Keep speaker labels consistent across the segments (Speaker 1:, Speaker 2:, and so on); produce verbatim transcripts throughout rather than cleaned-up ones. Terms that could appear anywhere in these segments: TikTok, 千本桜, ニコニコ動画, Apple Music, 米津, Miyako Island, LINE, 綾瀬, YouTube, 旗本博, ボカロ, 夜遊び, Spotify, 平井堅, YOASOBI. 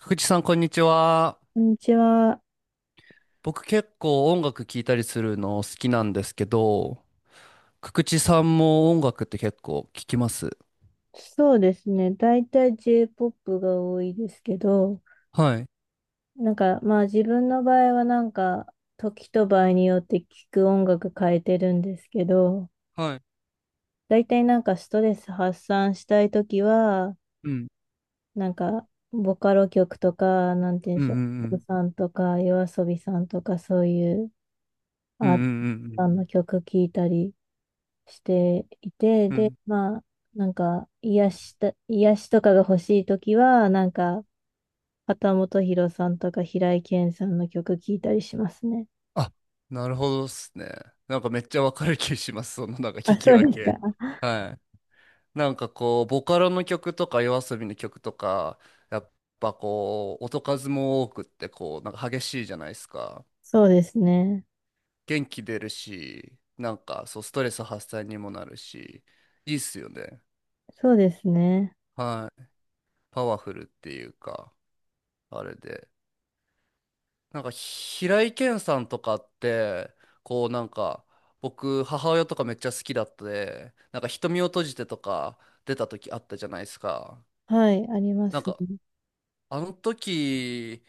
Speaker 1: 福地さん、こんにちは。
Speaker 2: こんにちは。
Speaker 1: 僕結構音楽聴いたりするの好きなんですけど、福地さんも音楽って結構聴きます？
Speaker 2: そうですね。大体 J-ポップ が多いですけど、
Speaker 1: はい。
Speaker 2: なんかまあ自分の場合はなんか時と場合によって聴く音楽変えてるんですけど、
Speaker 1: はい。
Speaker 2: 大体なんかストレス発散したい時は、
Speaker 1: うん。
Speaker 2: なんかボカロ曲とか、なんて言うん
Speaker 1: う
Speaker 2: で
Speaker 1: んう
Speaker 2: し
Speaker 1: ん
Speaker 2: ょ
Speaker 1: う
Speaker 2: う、
Speaker 1: ん。
Speaker 2: さんとか夜遊びさんとかそういう
Speaker 1: うん
Speaker 2: アーテ
Speaker 1: う
Speaker 2: ィ
Speaker 1: んう
Speaker 2: ス
Speaker 1: んう
Speaker 2: ト
Speaker 1: ん。
Speaker 2: さんの曲聴いたりしていて、
Speaker 1: う
Speaker 2: で、
Speaker 1: ん、
Speaker 2: まあなんか癒した、癒しとかが欲しい時は、なんか旗本博さんとか平井堅さんの曲聴いたりしますね。
Speaker 1: あ、なるほどっすね。なんかめっちゃわかる気します。そのなんか
Speaker 2: あ、
Speaker 1: 聞き
Speaker 2: そう
Speaker 1: 分
Speaker 2: ですか。
Speaker 1: け。はい。なんかこう、ボカロの曲とか YOASOBI の曲とか、やっぱこう、音数も多くってこう、なんか激しいじゃないですか。
Speaker 2: そうですね。
Speaker 1: 元気出るし、なんかそう、ストレス発散にもなるし、いいっすよね。
Speaker 2: そうですね。
Speaker 1: はい。パワフルっていうか、あれで。なんか、平井堅さんとかって、こうなんか、僕、母親とかめっちゃ好きだったで、なんか、瞳を閉じてとか出た時あったじゃないですか。
Speaker 2: はい、ありま
Speaker 1: なん
Speaker 2: す
Speaker 1: か、
Speaker 2: ね。
Speaker 1: あの時、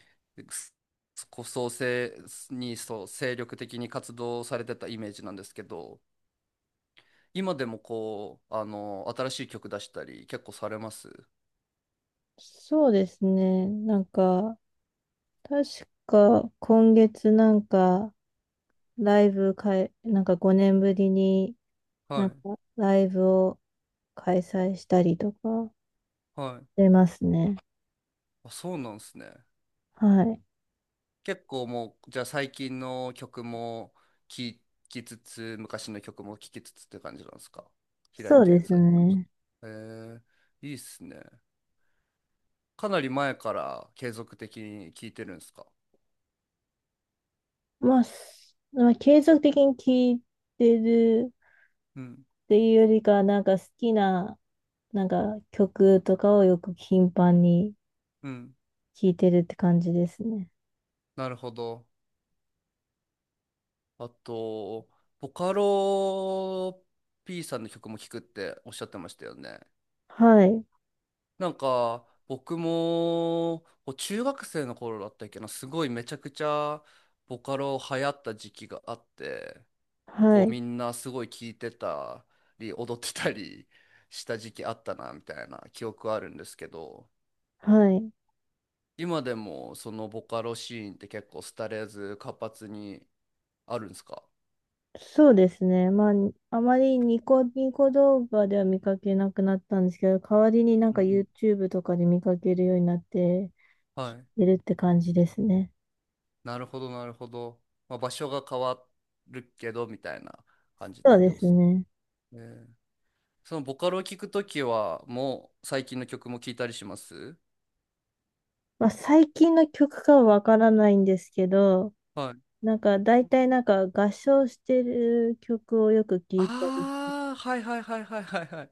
Speaker 1: こそ、せに、そう、精力的に活動されてたイメージなんですけど、今でもこう、あの、新しい曲出したり結構されます？
Speaker 2: そうですね。なんか、確か今月なんか、ライブかい、なんかごねんぶりに
Speaker 1: は
Speaker 2: なん
Speaker 1: い。
Speaker 2: かライブを開催したりとか
Speaker 1: はい。
Speaker 2: してますね。
Speaker 1: あ、そうなんですね。
Speaker 2: はい。
Speaker 1: 結構もう、じゃあ最近の曲も聴きつつ、昔の曲も聴きつつって感じなんですか？平井
Speaker 2: そうで
Speaker 1: 堅
Speaker 2: す
Speaker 1: さんに関し
Speaker 2: ね。
Speaker 1: ては。へえ、いいっすね。かなり前から継続的に聴いてるんですか？
Speaker 2: まあ、すまあ継続的に聴いてる
Speaker 1: うん、
Speaker 2: っていうよりかは、なんか好きななんか曲とかをよく頻繁に
Speaker 1: うん。
Speaker 2: 聴いてるって感じですね。
Speaker 1: なるほど。あと、ボカロ P さんの曲も聴くっておっしゃってましたよね。
Speaker 2: はい、
Speaker 1: なんか、僕も、こう中学生の頃だったっけな、すごいめちゃくちゃボカロ流行った時期があって、
Speaker 2: は
Speaker 1: こう
Speaker 2: い、
Speaker 1: みんなすごい聴いてたり、踊ってたり した時期あったな、みたいな記憶あるんですけど、
Speaker 2: はい。
Speaker 1: 今でもそのボカロシーンって結構廃れず活発にあるんですか？
Speaker 2: そうですね。まあ、あまりニコニコ動画では見かけなくなったんですけど、代わりになん
Speaker 1: う
Speaker 2: か
Speaker 1: ん、
Speaker 2: YouTube とかで見かけるようになって
Speaker 1: は
Speaker 2: 聴
Speaker 1: い。
Speaker 2: いてるって感じですね。
Speaker 1: なるほど、なるほど。まあ、場所が変わるけど、みたいな感じっ
Speaker 2: そ
Speaker 1: て
Speaker 2: う
Speaker 1: こ
Speaker 2: で
Speaker 1: とで
Speaker 2: す
Speaker 1: す。
Speaker 2: ね。
Speaker 1: ね、そのボカロを聞くときは、もう最近の曲も聞いたりします？
Speaker 2: まあ、最近の曲かはわからないんですけど、
Speaker 1: はい。
Speaker 2: なんか大体なんか合唱してる曲をよく聴いたり。
Speaker 1: ああ、はいはいはいはいはいはい。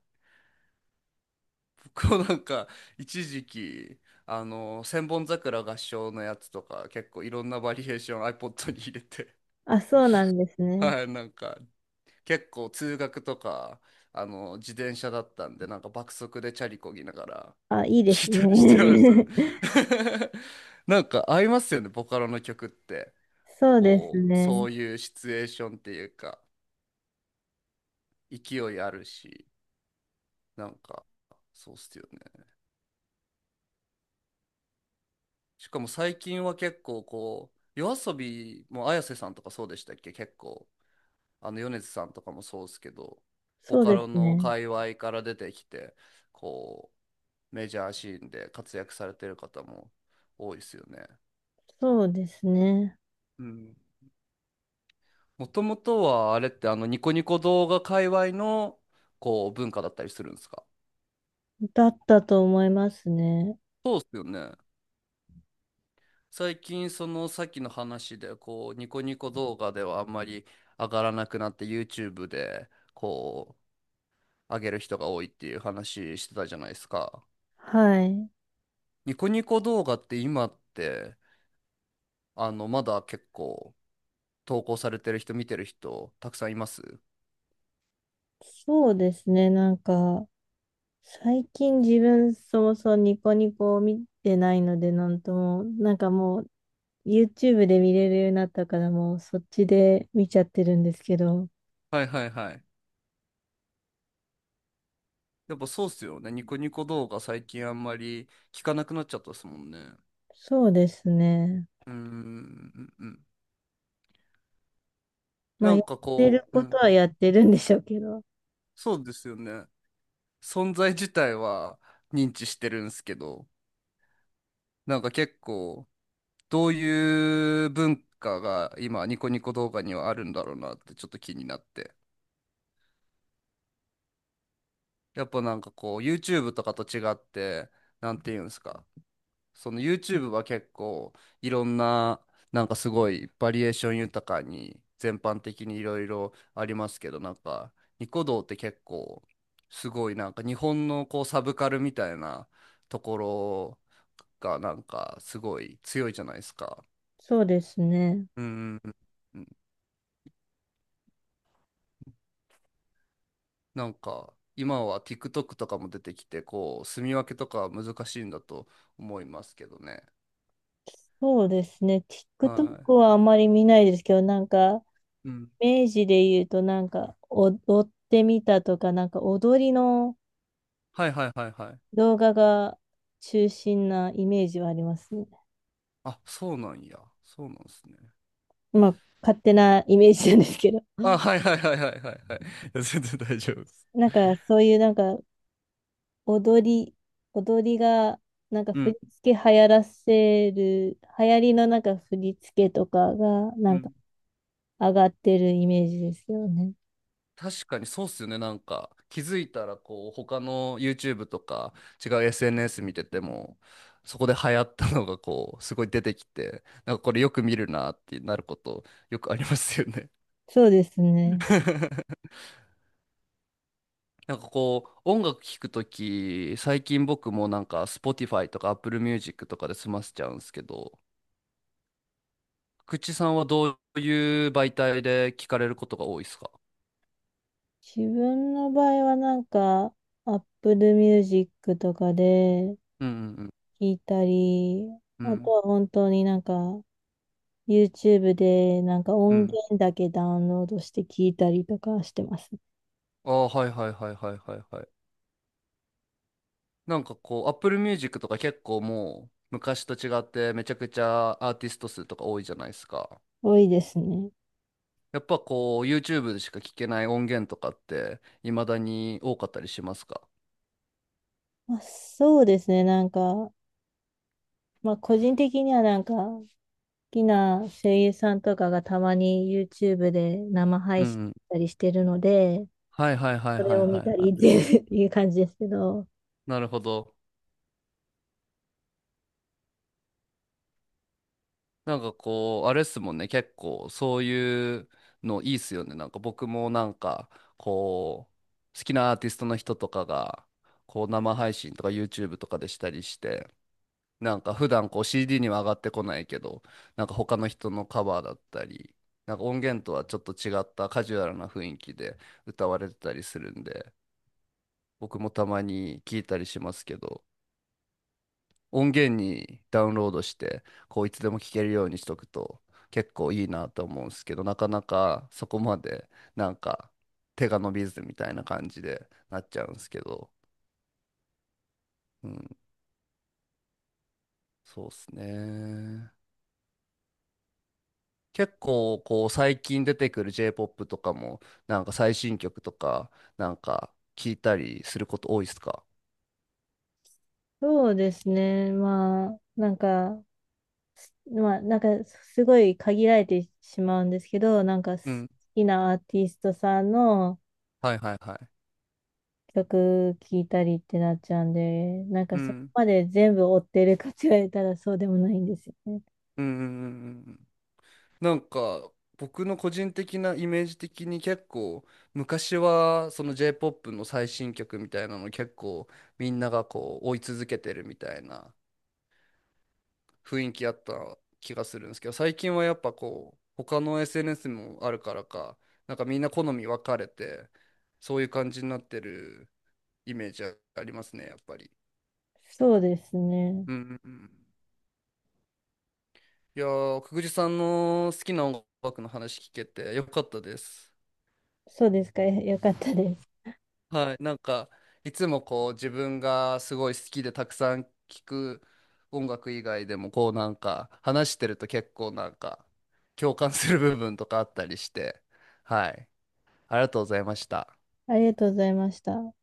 Speaker 1: 僕もなんか、一時期、あの、千本桜合唱のやつとか、結構いろんなバリエーション iPod に入れて、
Speaker 2: あ、そうなんです ね。
Speaker 1: はい、なんか、結構通学とか、あの、自転車だったんで、なんか爆速でチャリこぎながら
Speaker 2: あ、いい で
Speaker 1: 聞い
Speaker 2: す
Speaker 1: たりしてましたね。
Speaker 2: ね。
Speaker 1: なんか合いますよね、ボカロの曲って。
Speaker 2: そうです
Speaker 1: こう、そ
Speaker 2: ね。
Speaker 1: ういうシチュエーションっていうか、勢いあるし、なんか、そうっすよね。しかも最近は結構こう、夜遊びも綾瀬さんとかそうでしたっけ、結構、あの米津さんとかもそうですけど、ボ
Speaker 2: そう
Speaker 1: カ
Speaker 2: で
Speaker 1: ロ
Speaker 2: す
Speaker 1: の
Speaker 2: ね。
Speaker 1: 界隈から出てきて、こう、メジャーシーンで活躍されてる方も多いですよね。
Speaker 2: そうですね。
Speaker 1: うん。もともとはあれってあのニコニコ動画界隈のこう文化だったりするんですか？
Speaker 2: だったと思いますね。
Speaker 1: そうっすよね。最近そのさっきの話でこうニコニコ動画ではあんまり上がらなくなって YouTube でこう上げる人が多いっていう話してたじゃないですか。
Speaker 2: はい。
Speaker 1: ニコニコ動画って今ってあのまだ結構投稿されてる人見てる人たくさんいます？
Speaker 2: そうですね。なんか、最近自分そもそもニコニコを見てないので、なんとも、なんかもう YouTube で見れるようになったから、もうそっちで見ちゃってるんですけど、
Speaker 1: はいはいはい。やっぱそうっすよね。ニコニコ動画最近あんまり聞かなくなっちゃったですもんね。
Speaker 2: そうですね。
Speaker 1: うーんうんうん。
Speaker 2: まあ、
Speaker 1: な
Speaker 2: や
Speaker 1: ん
Speaker 2: っ
Speaker 1: か
Speaker 2: てる
Speaker 1: こう、う
Speaker 2: こと
Speaker 1: ん、
Speaker 2: はやってるんでしょうけど、
Speaker 1: そうですよね。存在自体は認知してるんすけど、なんか結構どういう文化が今ニコニコ動画にはあるんだろうなってちょっと気になって。やっぱなんかこう YouTube とかと違って、なんていうんですか。その YouTube は結構いろんななんかすごいバリエーション豊かに全般的にいろいろありますけど、なんかニコ動って結構すごいなんか日本のこうサブカルみたいなところがなんかすごい強いじゃないですか。
Speaker 2: そうですね。
Speaker 1: うんうんうん、なんか今は TikTok とかも出てきてこう住み分けとかは難しいんだと思いますけどね。
Speaker 2: そうですね。
Speaker 1: は
Speaker 2: TikTok はあまり見ないですけど、なんか、
Speaker 1: い。うん。
Speaker 2: 明治で言うと、なんか、踊ってみたとか、なんか、踊りの
Speaker 1: はいはいはいはい。
Speaker 2: 動画が中心なイメージはありますね。
Speaker 1: あ、そうなんや。そうなんですね。
Speaker 2: まあ、勝手なイメージなんですけど。
Speaker 1: あ、はいはいはいはいはいはい。いや全然大丈夫です。
Speaker 2: なんか、そういう、なんか、踊り、踊りが、なんか、
Speaker 1: う
Speaker 2: 振り
Speaker 1: ん。
Speaker 2: 付け流行らせる、流行りのなんか、振り付けとかが、
Speaker 1: う
Speaker 2: なんか、
Speaker 1: ん。
Speaker 2: 上がってるイメージですよね。
Speaker 1: 確かにそうっすよね。なんか、気づいたら、こう、他の YouTube とか、違う エスエヌエス 見てても、そこで流行ったのが、こう、すごい出てきて、なんかこれよく見るなってなること、よくありますよね。
Speaker 2: そうですね。
Speaker 1: なんかこう、音楽聴くとき、最近僕もなんか、Spotify とか Apple Music とかで済ませちゃうんですけど、口さんはどういう媒体で聞かれることが多いですか？
Speaker 2: 自分の場合はなんか、Apple Music とかで
Speaker 1: うんうん
Speaker 2: 聞いたり、
Speaker 1: うん。う
Speaker 2: あと
Speaker 1: ん
Speaker 2: は本当になんか、YouTube でなんか
Speaker 1: う
Speaker 2: 音
Speaker 1: ん。
Speaker 2: 源だけダウンロードして聞いたりとかしてます。
Speaker 1: ああ、はいはいはいはいはいはい。なんかこう、Apple Music とか結構もう昔と違ってめちゃくちゃアーティスト数とか多いじゃないですか。
Speaker 2: 多いですね。
Speaker 1: やっぱこう、YouTube でしか聞けない音源とかって未だに多かったりしますか？
Speaker 2: まあ、そうですね。なんか、まあ個人的にはなんか、好きな声優さんとかがたまに YouTube で生
Speaker 1: うん
Speaker 2: 配
Speaker 1: う
Speaker 2: 信し
Speaker 1: ん。
Speaker 2: たりしてるので、
Speaker 1: はいはいはい
Speaker 2: それ
Speaker 1: はい
Speaker 2: を
Speaker 1: は
Speaker 2: 見
Speaker 1: い
Speaker 2: た
Speaker 1: は
Speaker 2: り
Speaker 1: い。
Speaker 2: っていう いう感じですけど、
Speaker 1: なるほど。なんかこう、あれっすもんね、結構そういうのいいっすよね。なんか僕もなんかこう、好きなアーティストの人とかが、こう生配信とか YouTube とかでしたりして、なんか普段こう シーディー には上がってこないけど、なんか他の人のカバーだったり、なんか音源とはちょっと違ったカジュアルな雰囲気で歌われてたりするんで、僕もたまに聞いたりしますけど、音源にダウンロードして、こういつでも聴けるようにしとくと結構いいなと思うんですけど、なかなかそこまでなんか手が伸びずみたいな感じでなっちゃうんですけど、うん、そうですね。結構こう最近出てくる J-ポップ とかもなんか最新曲とかなんか聞いたりすること多いですか？
Speaker 2: そうですね。まあ、なんか、まあ、なんか、すごい限られてしまうんですけど、なんか、好
Speaker 1: うん。
Speaker 2: きなアーティストさんの
Speaker 1: はいはいはい。
Speaker 2: 曲聴いたりってなっちゃうんで、なん
Speaker 1: う
Speaker 2: か、そこ
Speaker 1: ん。
Speaker 2: まで全部追ってるかって言われたらそうでもないんですよね。
Speaker 1: うんうんうんうん、なんか僕の個人的なイメージ的に結構昔はその J-ポップ の最新曲みたいなの結構みんながこう追い続けてるみたいな雰囲気あった気がするんですけど、最近はやっぱこう他の エスエヌエス もあるからかなんかみんな好み分かれてそういう感じになってるイメージありますね、やっぱり。
Speaker 2: そうですね。
Speaker 1: うんうんうん、いやー、くぐじさんの好きな音楽の話聞けてよかったです。
Speaker 2: そうですか。よかったです。
Speaker 1: はい、なんかいつもこう自分がすごい好きでたくさん聴く音楽以外でもこうなんか話してると結構なんか共感する部分とかあったりして、はい、ありがとうございました。
Speaker 2: ありがとうございました。